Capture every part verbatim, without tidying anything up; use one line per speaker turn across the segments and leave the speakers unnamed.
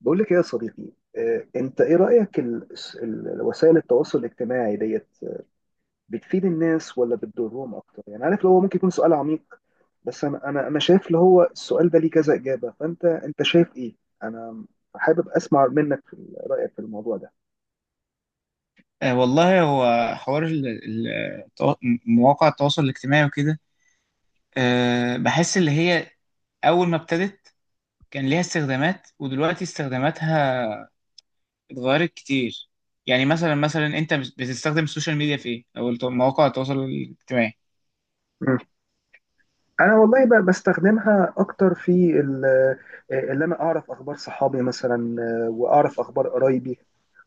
بقول لك ايه يا صديقي. آه، انت ايه رأيك ال- ال- وسائل التواصل الاجتماعي ديت بتفيد الناس ولا بتضرهم اكتر؟ يعني عارف اللي هو ممكن يكون سؤال عميق، بس انا انا انا شايف اللي هو السؤال ده ليه كذا إجابة، فانت انت شايف ايه؟ انا حابب اسمع منك في رأيك في الموضوع ده.
آه والله هو حوار ال- ال- التوا- مواقع التواصل الاجتماعي وكده. آه بحس اللي هي أول ما ابتدت كان ليها استخدامات، ودلوقتي استخداماتها اتغيرت كتير. يعني مثلا مثلا أنت بت- بتستخدم السوشيال ميديا في إيه؟ أو الت- مواقع التواصل الاجتماعي.
انا والله ب- بستخدمها اكتر في ال- آه، اللي انا اعرف اخبار صحابي مثلا، آه، واعرف اخبار قرايبي،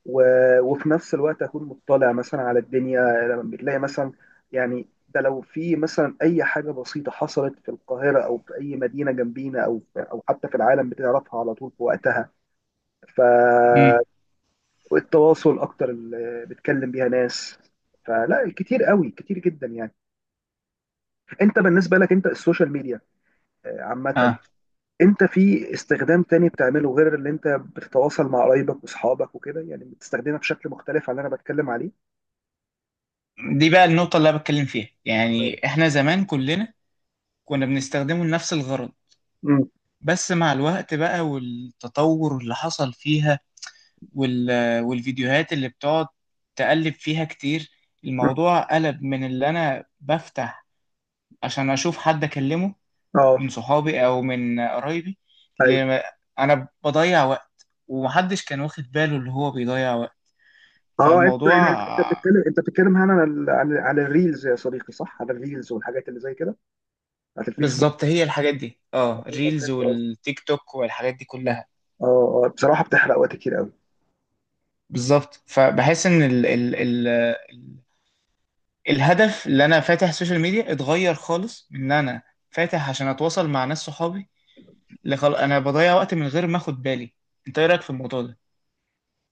و- وفي نفس الوقت اكون مطلع مثلا على الدنيا. لما بتلاقي مثلا، يعني ده لو في مثلا اي حاجه بسيطه حصلت في القاهره او في اي مدينه جنبينا او او حتى في العالم، بتعرفها على طول في وقتها.
امم.
فالتواصل اكتر اللي بتكلم بيها ناس، فلا كتير قوي كتير جدا يعني. انت بالنسبه لك انت السوشيال ميديا آه، عامه،
اه،
انت في استخدام تاني بتعمله غير اللي انت بتتواصل مع قرايبك واصحابك وكده؟ يعني بتستخدمها بشكل مختلف عن اللي انا بتكلم عليه؟
دي بقى النقطة اللي أنا بتكلم فيها. يعني إحنا زمان كلنا كنا بنستخدمه لنفس الغرض،
امم.
بس مع الوقت بقى والتطور اللي حصل فيها وال... والفيديوهات اللي بتقعد تقلب فيها كتير، الموضوع قلب من اللي أنا بفتح عشان أشوف حد أكلمه
اه.
من صحابي أو من قرايبي ل...
ايوه.
أنا بضيع وقت، ومحدش كان واخد باله اللي هو بيضيع وقت.
اه انت
فالموضوع
يعني انت بتتكلم انت بتتكلم هنا عن ال- عن عن الريلز يا صديقي، صح؟ عن الريلز والحاجات اللي زي كده بتاعت الفيسبوك.
بالظبط هي الحاجات دي، اه، الريلز والتيك توك والحاجات دي كلها.
اه، اه، بصراحه بتحرق وقت كتير قوي.
بالظبط، فبحس ان ال ال ال ال الهدف اللي انا فاتح السوشيال ميديا اتغير خالص، من ان انا فاتح عشان اتواصل مع ناس صحابي اللي خل... انا بضيع وقت من غير ما اخد بالي. انت ايه رايك في الموضوع ده؟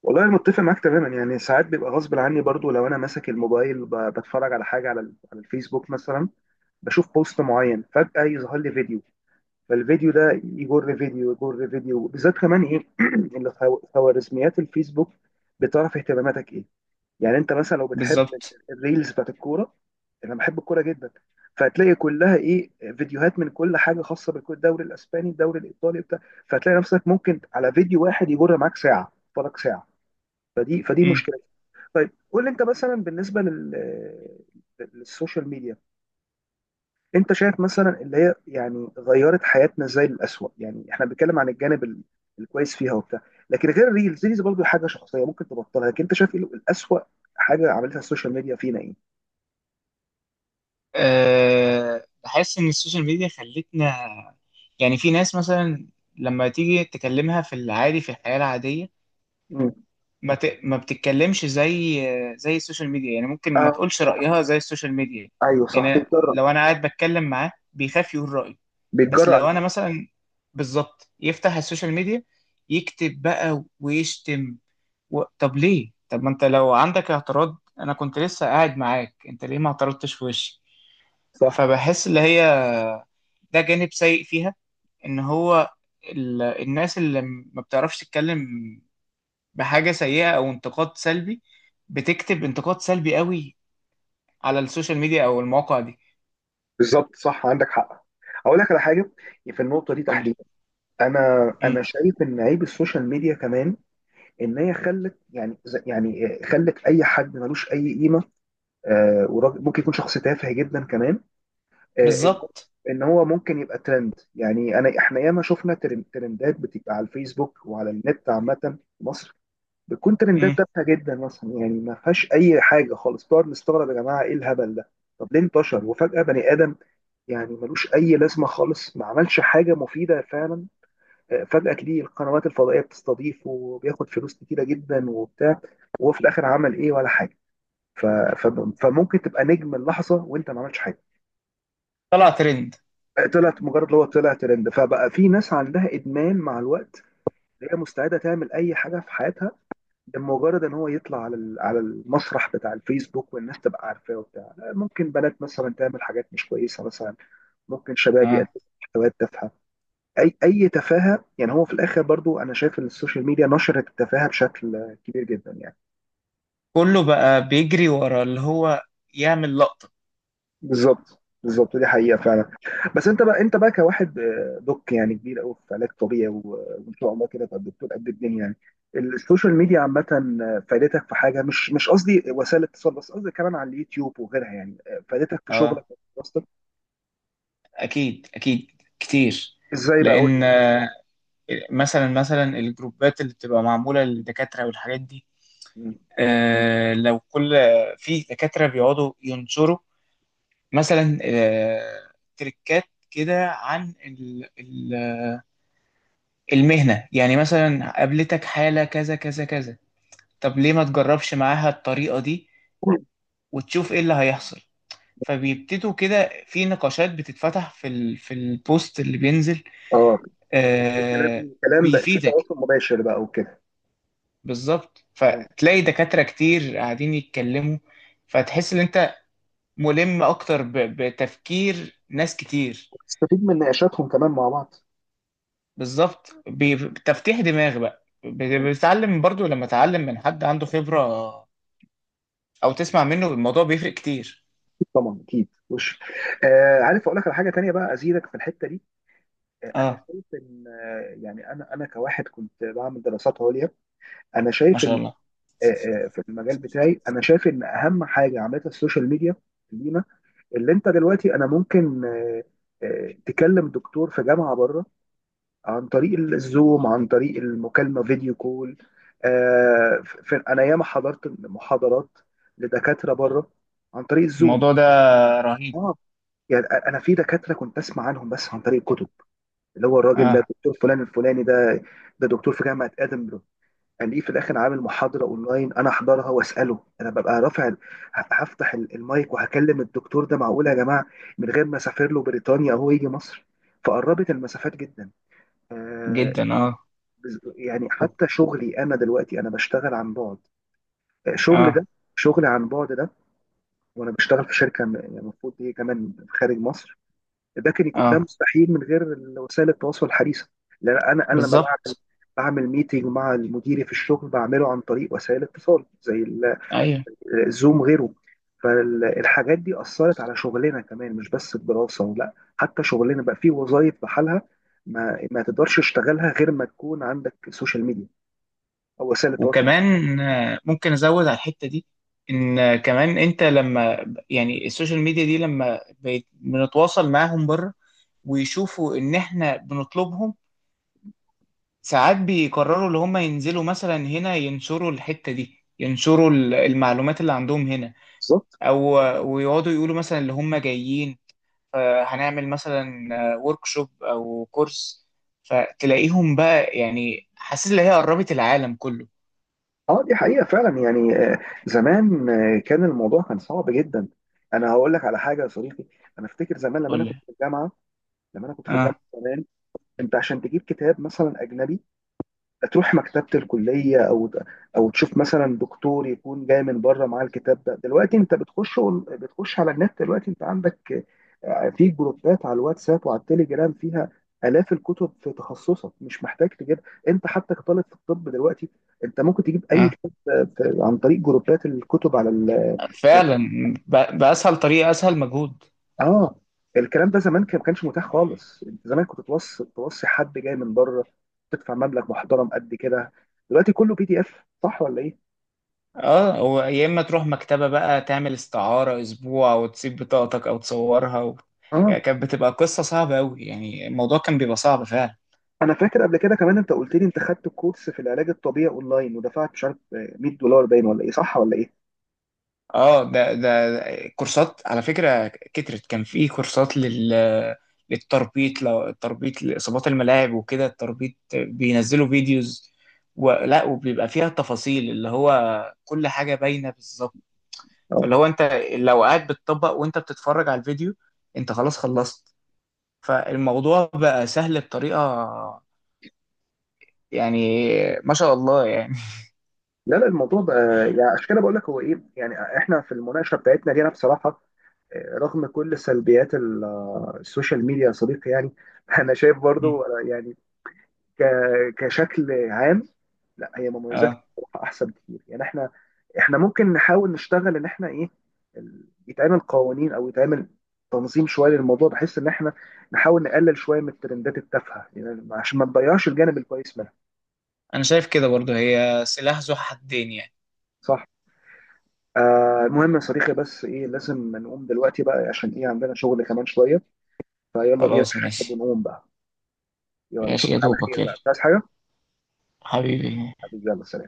والله انا متفق معاك تماما، يعني ساعات بيبقى غصب عني برضو، لو انا ماسك الموبايل ب- بتفرج على حاجه على ال- على الفيسبوك مثلا، بشوف بوست معين فجاه يظهر لي فيديو، فالفيديو ده يجر فيديو يجر فيديو، بالذات كمان ايه اللي خو- خوارزميات الفيسبوك بتعرف اهتماماتك ايه. يعني انت مثلا لو بتحب
بالظبط.
الريلز بتاعت الكوره، انا بحب الكوره جدا، فهتلاقي كلها ايه، فيديوهات من كل حاجه خاصه بالدوري الاسباني، الدوري الايطالي بتاع، فهتلاقي نفسك ممكن على فيديو واحد يجر معاك ساعه فرق ساعه، فدي فدي
امم.
مشكله. طيب قول لي، انت مثلا بالنسبه لل للسوشيال ميديا، انت شايف مثلا اللي هي يعني غيرت حياتنا ازاي للأسوأ؟ يعني احنا بنتكلم عن الجانب ال- الكويس فيها وبتاع، لكن غير الريلز، ريلز برضه حاجه شخصيه ممكن تبطلها، لكن انت شايف ايه الأسوأ حاجه عملتها السوشيال ميديا فينا ايه؟
أه... بحس ان السوشيال ميديا خلتنا، يعني في ناس مثلا لما تيجي تكلمها في العادي في الحياه العاديه
مم.
ما ت... ما بتتكلمش زي زي السوشيال ميديا، يعني ممكن ما
اه،
تقولش
صح.
رايها زي السوشيال ميديا.
ايوه، صح،
يعني
بيتجرأ
لو انا قاعد بتكلم معاه بيخاف يقول رايه، بس
بيتجرأ على
لو انا
الناس.
مثلا بالظبط يفتح السوشيال ميديا يكتب بقى ويشتم. و... طب ليه؟ طب ما انت لو عندك اعتراض انا كنت لسه قاعد معاك، انت ليه ما اعترضتش في وشي؟
صح.
فبحس اللي هي ده جانب سيء فيها، ان هو ال... الناس اللي م- ما بتعرفش تتكلم بحاجة سيئة او انتقاد سلبي، بتكتب انتقاد سلبي قوي على السوشيال ميديا او المواقع دي.
بالظبط، صح، عندك حق. اقول لك على حاجه، في النقطه دي
قول لي.
تحديدا، انا
مم.
انا شايف ان عيب السوشيال ميديا كمان ان هي خلت يعني ز- يعني خلت اي حد ملوش اي قيمه، آه وراجل- ممكن يكون شخص تافه جدا كمان، آه، ان
بالظبط.
إن هو ممكن يبقى ترند. يعني انا احنا ياما شفنا ترن- ترندات بتبقى على الفيسبوك وعلى النت عامه، في مصر بتكون
مم.
ترندات تافهه جدا مثلا، يعني ما فيهاش اي حاجه خالص، بنقعد نستغرب، يا جماعه ايه الهبل ده؟ طب ليه انتشر؟ وفجاه بني ادم يعني ملوش اي لازمه خالص، ما عملش حاجه مفيده فعلا، آه، فجاه تلاقي القنوات الفضائيه بتستضيفه، وبياخد فلوس كتيره جدا وبتاع، وهو في الاخر عمل ايه ولا حاجه، ف... ف... فممكن تبقى نجم اللحظه وانت ما عملتش حاجه.
طلع ترند.
طلعت مجرد اللي هو طلع ترند، فبقى في ناس عندها ادمان مع الوقت هي مستعده تعمل اي حاجه في حياتها لمجرد ان هو يطلع على ال- على المسرح بتاع الفيسبوك والناس تبقى عارفاه وبتاع، ممكن بنات مثلا تعمل حاجات مش كويسه مثلا، ممكن شباب يقدموا
آه.
محتويات تافهه، اي اي تفاهه، يعني هو في الاخر برضو انا شايف ان السوشيال ميديا نشرت التفاهه بشكل كبير جدا يعني.
كله بقى بيجري ورا اللي هو يعمل لقطة.
بالظبط، بالظبط، دي حقيقة فعلا. بس انت بقى، انت بقى كواحد آه، دوك يعني كبير قوي في علاج طبيعي، و- وان شاء الله كده تبقى دكتور قد الدنيا يعني. السوشيال ميديا عامة، آه، فادتك في حاجة؟ مش مش قصدي وسائل اتصال بس، قصدي كمان على اليوتيوب وغيرها، يعني آه، فادتك في
اه،
شغلك وفي دراستك؟
اكيد اكيد كتير.
ازاي بقى؟ قول لي
لان
بقى.
مثلا مثلا الجروبات اللي بتبقى معمولة للدكاترة والحاجات دي،
مم.
آه، لو كل في دكاترة بيقعدوا ينشروا مثلا، آه، تريكات كده عن ال- ال- المهنة، يعني مثلا قابلتك حالة كذا كذا كذا، طب ليه ما تجربش معاها الطريقة دي وتشوف ايه اللي هيحصل؟ فبيبتدوا كده في نقاشات بتتفتح في ال في البوست اللي بينزل.
اه. الكلام
آه.
الكلام بقى في
بيفيدك.
تواصل مباشر بقى وكده.
بالظبط،
اه،
فتلاقي دكاترة كتير قاعدين يتكلموا، فتحس ان انت ملم اكتر ب- بتفكير ناس كتير.
تستفيد من نقاشاتهم كمان مع بعض.
بالظبط، ب- بتفتيح دماغ بقى، ب-
اكيد.
بتتعلم برضو لما تتعلم من حد عنده خبرة او تسمع منه، الموضوع بيفرق كتير.
طبعا اكيد، وش آه عارف، اقول لك على حاجه تانيه بقى ازيدك في الحته دي. انا
اه.
شايف ان يعني انا انا كواحد كنت بعمل دراسات عليا، انا
ما
شايف
شاء
ان
الله.
في المجال بتاعي، انا شايف ان اهم حاجه عملتها السوشيال ميديا لينا اللي انت دلوقتي انا ممكن تكلم دكتور في جامعه بره عن طريق الزوم، عن طريق المكالمه، فيديو كول. انا ياما حضرت محاضرات لدكاتره بره عن طريق الزوم.
الموضوع ده رهيب.
اه. يعني انا في دكاتره كنت اسمع عنهم بس عن طريق الكتب، اللي هو الراجل ده
اه.
دكتور فلان الفلاني ده، ده دكتور في جامعة ادنبرو، الاقيه في الاخر عامل محاضرة اونلاين انا احضرها واساله، انا ببقى رافع ه- هفتح ال- المايك وهكلم الدكتور ده، معقول يا جماعة، من غير ما اسافر له بريطانيا او هو يجي مصر، فقربت المسافات جدا. آه،
جدا اه.
بز- يعني حتى شغلي انا دلوقتي انا بشتغل عن بعد، آه، شغل
اه.
ده شغل عن بعد ده، وانا بشتغل في شركة م- يعني المفروض دي كمان خارج مصر، ده كان يكون ده
اه.
مستحيل من غير وسائل التواصل الحديثه، لان انا انا لما بعمل
بالظبط.
بعمل ميتنج مع مديري في الشغل بعمله عن طريق وسائل اتصال زي ال-
ايوه.
الزوم غيره. فالحاجات دي اثرت على شغلنا كمان مش بس الدراسه، لا حتى شغلنا بقى فيه وظائف بحالها ما ما تقدرش تشتغلها غير ما تكون عندك سوشيال ميديا او وسائل التواصل.
وكمان آه، ممكن ازود على الحته دي، ان آه، كمان انت لما يعني السوشيال ميديا دي لما بيت- بنتواصل معاهم بره ويشوفوا ان احنا بنطلبهم، ساعات بيقرروا اللي هم ينزلوا مثلا هنا، ينشروا الحتة دي، ينشروا ال- المعلومات اللي عندهم هنا.
بالظبط.
او ويقعدوا يقولوا مثلا اللي هم جايين، آه، هنعمل مثلا وركشوب او كورس، فتلاقيهم بقى، يعني حاسس ان هي قربت العالم كله.
اه، دي حقيقه فعلا، يعني آه، زمان آه، كان الموضوع كان صعب جدا. انا هقول لك على حاجه يا صديقي، انا افتكر زمان لما انا
قول
كنت
لي.
في الجامعه لما انا كنت في الجامعه
اه.
زمان، انت عشان تجيب كتاب مثلا اجنبي تروح مكتبه الكليه او او تشوف مثلا دكتور يكون جاي من بره معاه الكتاب ده، دلوقتي انت بتخش أون- بتخش على النت، دلوقتي انت عندك آه، في جروبات على الواتساب وعلى التليجرام فيها الاف الكتب في تخصصك، مش محتاج تجيب، انت حتى كطالب في الطب دلوقتي انت ممكن تجيب اي
اه
كتاب آه، في- عن طريق جروبات الكتب على ال-
فعلا، ب- بأسهل طريقة، أسهل مجهود.
اه. الكلام ده زمان كان- ما كانش متاح خالص، انت زمان كنت توصي توصي حد جاي من بره، تدفع مبلغ محترم قد كده، دلوقتي كله بي دي اف، صح ولا ايه؟
اه، هو يا اما تروح مكتبة بقى تعمل استعارة اسبوع وتسيب بطاقتك او تصورها و...
اه،
ك- كانت بتبقى قصة صعبة قوي، يعني الموضوع كان بيبقى صعب فعلا.
انا فاكر قبل كده كمان انت قلت لي انت خدت كورس في العلاج الطبيعي اونلاين، ودفعت مش عارف آه، مئة دولار باين، ولا ايه؟ صح ولا ايه؟
اه، ده ده كورسات على فكرة كترت. كان في كورسات لل للتربيط، لو التربيط لإصابات الملاعب وكده التربيط، بينزلوا فيديوز ولا وبيبقى فيها تفاصيل اللي هو كل حاجة باينة بالظبط.
اه.
فاللي هو انت لو قاعد بتطبق وانت بتتفرج على الفيديو انت خلاص خلصت، فالموضوع بقى سهل بطريقة، يعني ما شاء الله يعني.
لا لا، الموضوع بقى، يعني عشان كده بقول لك هو ايه، يعني احنا في المناقشه بتاعتنا دي انا بصراحه آه، رغم كل سلبيات ال- آه، السوشيال ميديا يا صديقي يعني انا شايف برضو آه، يعني ك- كشكل عام لا، هي مميزاتها
اه،
احسن كتير، يعني احنا احنا ممكن نحاول نشتغل ان احنا ايه، ال- يتعمل قوانين او يتعمل تنظيم شويه للموضوع، بحيث ان احنا نحاول نقلل شويه من الترندات التافهه، يعني عشان ما نضيعش الجانب الكويس منها.
انا شايف كده برضو، هي سلاح ذو حدين يعني.
صح. آه المهم يا صديقي، بس ايه لازم نقوم دلوقتي بقى، عشان ايه عندنا شغل كمان شويه، فيلا بينا
خلاص
نحاسب
ماشي.
ونقوم بقى. يلا
ماشي يا
اشوفك على
دوبك
خير
يلا
بقى، مش عايز حاجه،
حبيبي.
حبيبي، يلا سلام.